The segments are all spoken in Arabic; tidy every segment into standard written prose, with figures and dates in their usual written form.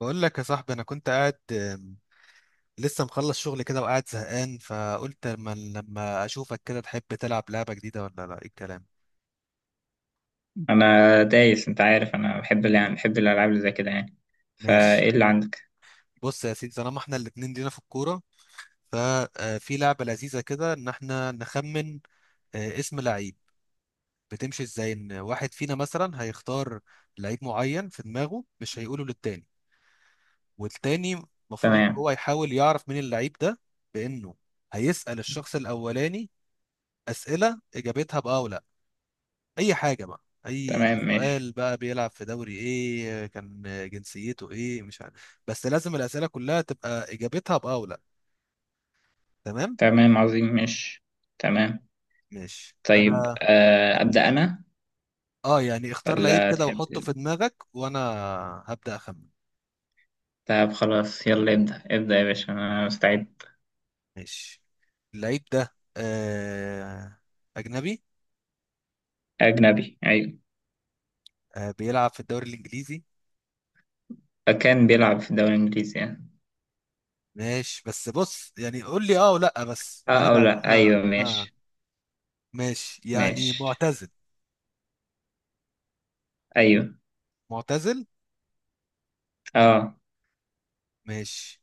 بقول لك يا صاحبي، انا كنت قاعد لسه مخلص شغل كده وقاعد زهقان، فقلت لما اشوفك كده، تحب تلعب لعبه جديده ولا لا، ايه الكلام. انا دايس، انت عارف انا بحب الالعاب اللي زي كده يعني. ماشي. فايه اللي عندك؟ بص يا سيدي، طالما احنا الاتنين لينا في الكوره، ففي لعبه لذيذه كده، ان احنا نخمن اسم لعيب. بتمشي ازاي؟ ان واحد فينا مثلا هيختار لعيب معين في دماغه، مش هيقوله للتاني، والتاني المفروض ان تمام. هو يحاول يعرف مين اللعيب ده. بانه هيسأل الشخص الاولاني اسئله اجابتها بأه ولا، اي حاجه بقى، اي تمام ماشي. سؤال بقى. بيلعب في دوري ايه، كان جنسيته ايه، مش عارف، بس لازم الاسئله كلها تبقى اجابتها باه ولا. تمام. تمام عظيم ماشي. تمام. ماشي طيب، انا. ابدا انا، اه يعني اختار لعيب ولا كده تحب؟ وحطه في دماغك، وانا هبدا اخمن. طب خلاص، يلا ابدا ابدا يا باشا، انا مستعد. ماشي. اللعيب ده اجنبي. اجنبي، ايوه. آه بيلعب في الدوري الانجليزي. كان بيلعب في الدوري الانجليزي يعني. ماشي، بس بص يعني قول لي اه ولا بس، اه، انا او بعد لا، احنا ايوه انا. ماشي. ماشي، يعني ماشي. معتزل. ايوه. معتزل، اه، ماشي.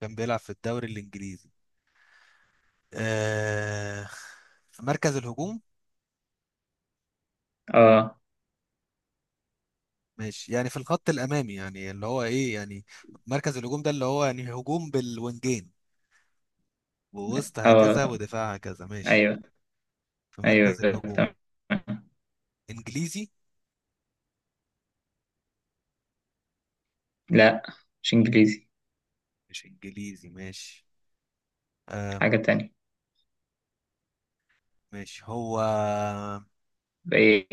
كان بيلعب في الدوري الانجليزي، آه في مركز الهجوم. اه، ماشي، يعني في الخط الامامي، يعني اللي هو ايه يعني، مركز الهجوم ده اللي هو يعني هجوم بالوينجين ووسط هكذا اه. ودفاع هكذا. ماشي، ايوه، في ايوه، مركز الهجوم. تمام. انجليزي. لا، مش انجليزي. مش انجليزي، ماشي. آم حاجه تانية. ماشي هو. بقيت.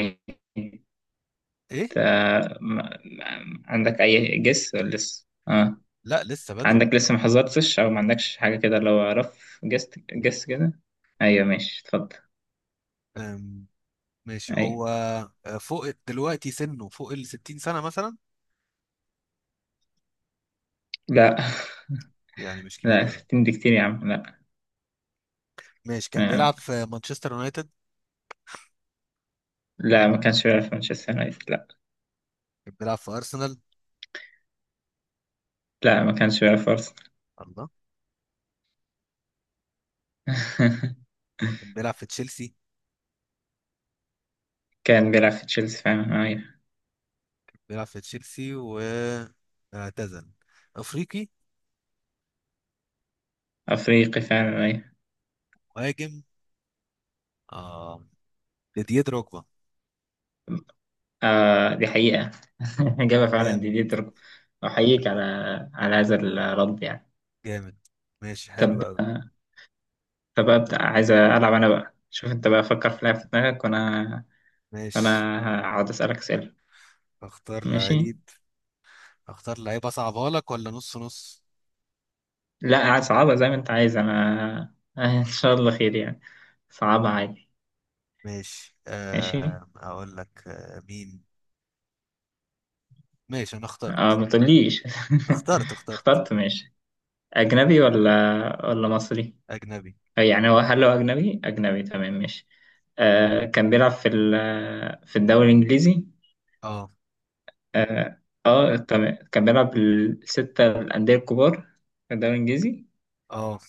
ايه؟ عندك أي جس ولا لسه؟ لا، لسه بدري. عندك لسه ما حذرتش أو ما عندكش حاجة كده لو رف جس جس كده؟ أيوه ماشي، اتفضل. آم ماشي أيوه. هو فوق دلوقتي سنه، فوق ال 60 سنة مثلا. لا. يعني مش كبير لا، قوي. 60 دي كتير يا عم، لا. ماشي. كان آه، بيلعب في مانشستر يونايتد. لا، ما كانش بيلعب في مانشستر يونايتد، لا. كان بيلعب في ارسنال. لا، ما كانش بيلعب في أرسنال. الله. كان بيلعب في تشيلسي. كان بيلعب في تشيلسي فعلا، أيوه. بيلعب في تشيلسي واعتزل. افريقي. أفريقي فعلا، أيوه. مهاجم. اه. ديديه دروجبا. آه، دي حقيقة. إجابة فعلا، دي جامد. دي درجة. أحييك على هذا الرد يعني. جامد. ماشي، حلو طب، قوي. فببدأ عايز ألعب أنا بقى، شوف أنت بقى فكر في لعبة في دماغك وأنا. ماشي. وأنا هقعد أسألك أسئلة. اختار ماشي. لعيب. اختار لعيب اصعبها لك، ولا نص نص. لا، صعبة زي ما أنت عايز، أنا إن شاء الله خير يعني. صعبة عادي. ماشي، ماشي، اقول لك مين. ماشي انا أه اخترت. ما تقوليش. اخترت. اخترت. اخترت، ماشي. أجنبي ولا ولا مصري؟ اجنبي. يعني هل هو أجنبي أجنبي، تمام ماشي. آه، كان بيلعب في الدوري الإنجليزي. اه. اه، تمام، كان بيلعب الستة الأندية الكبار في الدوري الإنجليزي؟ اه.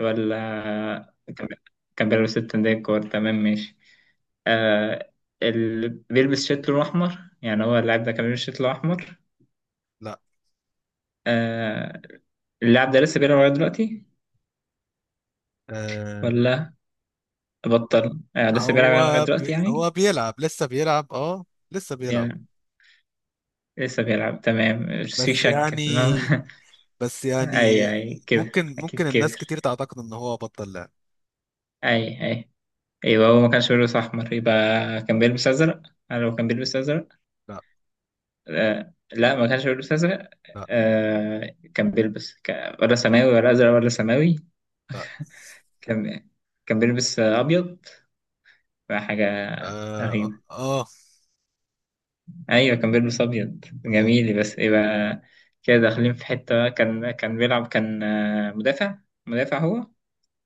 ولا كان كان بيلبس التنديكور، تمام ماشي. آه، اللي بيلبس شيت لونه أحمر يعني، هو اللاعب ده كان بيلبس شيت لونه أحمر؟ لا. آه، اللاعب ده لسه بيلعب لغاية دلوقتي آه. ولا بطل؟ لسه بيلعب يعني لغاية هو بي دلوقتي يعني. هو بيلعب. لسه بيلعب، اه. لسه بيلعب. بي- لسه بيلعب، تمام، مش في بس شك يعني في الموضوع. بس يعني أي أي، كده ممكن أكيد الناس كبر. كتير تعتقد ان هو بطل لعب. أي أي. أيوة، هو ما كانش بيلبس أحمر يبقى كان بيلبس أزرق؟ هل هو كان بيلبس أزرق؟ لا. لا، ما كانش بيلبس أزرق. لا. كان بيلبس ولا سماوي ولا أزرق ولا سماوي؟ لا. كان كان بيلبس أبيض، فحاجة اه. رهيبة. اه. أيوة كان بيلبس أبيض آه. جميل، بس يبقى كده داخلين في حتة. كان بيلعب، كان مدافع؟ مدافع هو؟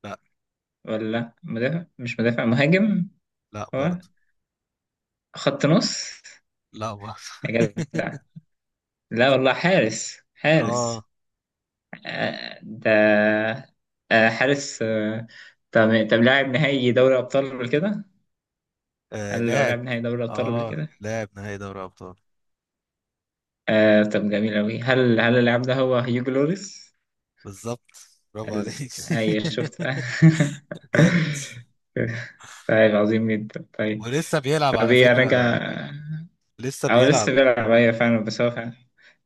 لا. ولا مدافع، مش مدافع مهاجم. لا هو برضه. خط نص؟ لا برضه. يا جدع، لا والله، حارس اه. حارس. ده حارس. طب، لاعب نهائي دوري ابطال قبل كده؟ آه، هل هو لاعب لاعب نهائي دوري ابطال قبل اه كده؟ لاعب نهائي دوري ابطال. طب جميل أوي، هل اللاعب ده هو هيوجو لوريس؟ بالظبط، برافو عليك. أيوة، شفت بقى. جامد. طيب، عظيم جدا، طيب. ولسه بيلعب طب على ايه فكرة. راجع؟ لسه او بيلعب. لسه بيلعب، ايوه فعلا، بس هو فعلا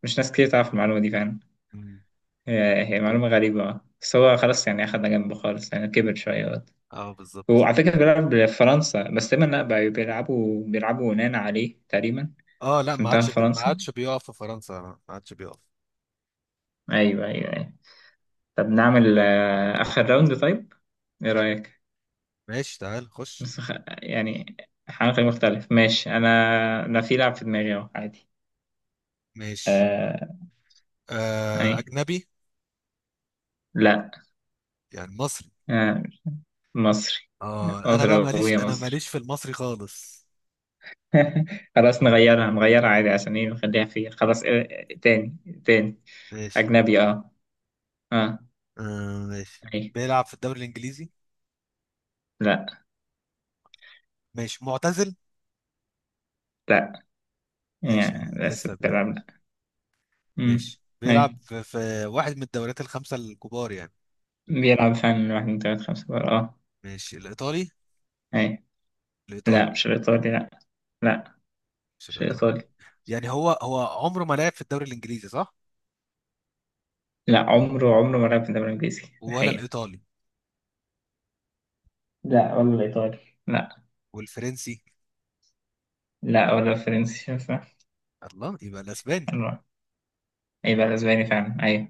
مش ناس كتير تعرف المعلومة دي فعلا. مم. هي معلومة غريبة، بس هو خلاص يعني، أخدنا جنبه خالص يعني كبر شوية. اه، بالظبط. هو على فكرة بيلعب بفرنسا، بس تقريبا لا، بيلعبوا يونان عليه تقريبا. اه لا، في منتخب ما فرنسا. عادش بيقف في فرنسا، ما عادش بيقف. أيوه، أيوه، أيوه. طب نعمل آخر راوند طيب، إيه رأيك؟ ماشي، تعال خش. بس يعني حاجة مختلف، ماشي. أنا، أنا في لعب في دماغي أهو عادي. ماشي، آه... أي. اجنبي. لا. يعني مصري. آه... مصري. اه انا مصري، بقى وهي ماليش، انا مصري. ماليش في المصري خالص. خلاص، نغيرها نغيرها عادي عشان إيه، نخليها في خلاص تاني. تاني. ماشي. أجنبي أه. أه. ماشي، أي. بيلعب في الدوري الانجليزي. لا. ماشي، معتزل. لا، ماشي، يعني يعني بس لسه بيلعب، بيلعب. لا. امم. ماشي، ايوه. بيلعب في واحد من الدوريات الخمسة الكبار يعني. بيلعب فعلا من واحد من تلات خمسة بقى، اه. ماشي، الايطالي. ايوه. الايطالي. لا، مش الإيطالي، لا. لا، مش مش الايطالي. الإيطالي. يعني هو عمره ما لعب في الدوري الانجليزي صح؟ لا، عمره ما لعب في الدوري الإنجليزي ولا الحقيقة. الايطالي. لا، ولا الإيطالي. لا. والفرنسي. لا، ولا الفرنسي صح. الله، يبقى الاسباني. الله، يبقى الأسباني فعلا، أيوة.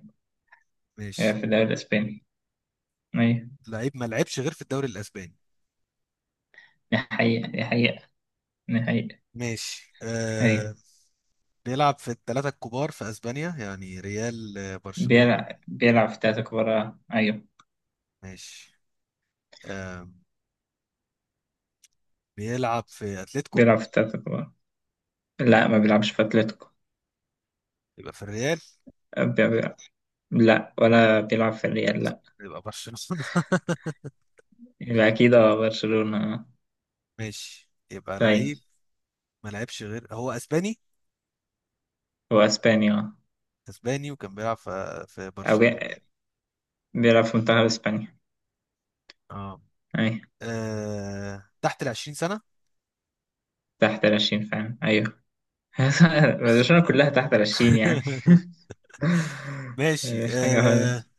يبقى ماشي، في الدوري الأسباني، أيوة. لعيب ما لعبش غير في الدوري الاسباني. دي حقيقة، دي حقيقة، دي حقيقة. ماشي، أيوة. بيلعب في الثلاثة الكبار في اسبانيا، يعني ريال، برشلونة. بيلعب في التلاتة الكبار، أيوة. ماشي، آه بيلعب في اتلتيكو. بيلعب في التلاتة الكبار. لا، ما بيلعبش في أتلتيكو. يبقى في الريال. بي- بي- لا، ولا بيلعب في الريال. يبقى برشلونة. يبقى أكيد، اه برشلونة اه. ماشي، يبقى طيب. لعيب ما لعبش غير. هو اسباني. هو أسبانيا، اه. اسباني، وكان بيلعب في أو برشلونة. جا- بيلعب في منتخب أسبانيا. اه. أيوة. تحت ال 20 سنة. تحت 20 فعلا، أيوه. برشلونة كلها تحت 20 يعني. ماشي. مفيش حاجة خالص.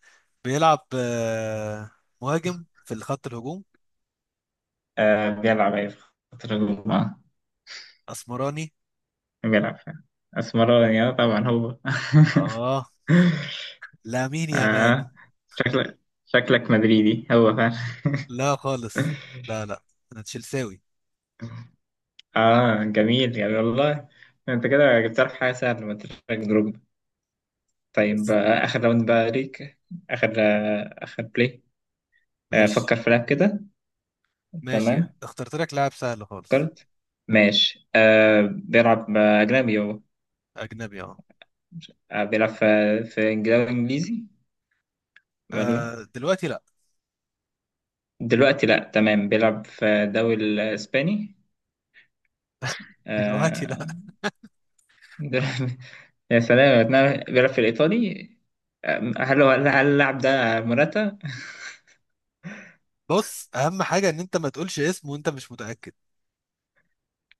بيلعب، مهاجم في خط الهجوم. آه بيلعب، أيوة، في خط الهجوم اه. اسمراني. بيلعب فعلا أسمراني، اه طبعا هو اه. لامين يامال. آه، شكلك شكلك مدريدي هو فعلا لا خالص. لا، لا، انا تشيلساوي اه جميل يعني والله، انت كده جبت لك حاجة سهلة ما تشارك. طيب، بس. آخر راوند بقى ليك. آخر بلاي. ماشي. فكر في لعب كده. ماشي، تمام، اخترت لك لاعب سهل خالص. فكرت. ماشي، بيلعب أجنبي هو؟ اجنبي. اه. بيلعب في دوري إنجليزي ولا؟ دلوقتي لا. دلوقتي لأ، تمام، بيلعب في الدوري الإسباني. دلوقتي لا. آه. دل- يا سلام، بيلعب في الإيطالي. هل اللاعب ده موراتا؟ بص، اهم حاجه ان انت ما تقولش اسم وانت مش متاكد،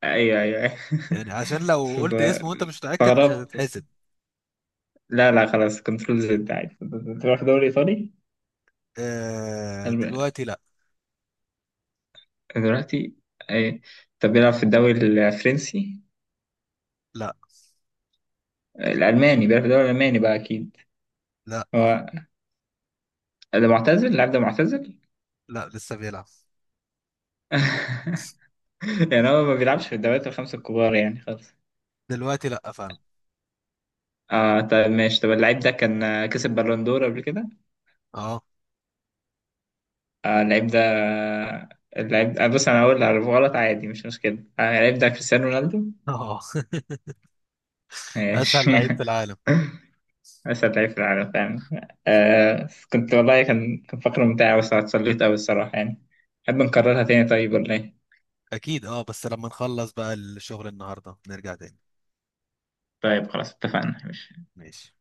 أيوه أيوه. يعني عشان لو قلت اسم وانت مش متاكد مش استغربت. هتتحسب. لا لا، خلاص، كنترول زد عادي. تروح دوري إيطالي؟ الب- دلوقتي لا. دلوقتي، ايه؟ طب بيلعب في الدوري الفرنسي؟ لا. الألماني؟ بيلعب في الدوري الألماني بقى أكيد؟ لا. هو ده معتزل، اللاعب ده معتزل؟ لا، لسه بيلعب. يعني هو ما بيلعبش في الدوريات الخمسة الكبار يعني خالص؟ دلوقتي لا فعلا. اه طب ماشي، طب اللعيب ده كان كسب بالون دور قبل كده؟ اه. آه اللعيب ده اللعيب ده، بص، أنا هقول أعرف غلط عادي، مش مشكلة. اللعيب ده كريستيانو رونالدو. اه. اسهل ماشي لعيب في العالم. أسعد لعيب في العالم فعلا. آه، كنت والله كان فقرة ممتعة، بس اتسليت أوي الصراحة يعني، نحب نكررها تاني، طيب ولا إيه؟ اكيد اه، بس لما نخلص بقى الشغل النهارده نرجع تاني. طيب خلاص، اتفقنا. ماشي.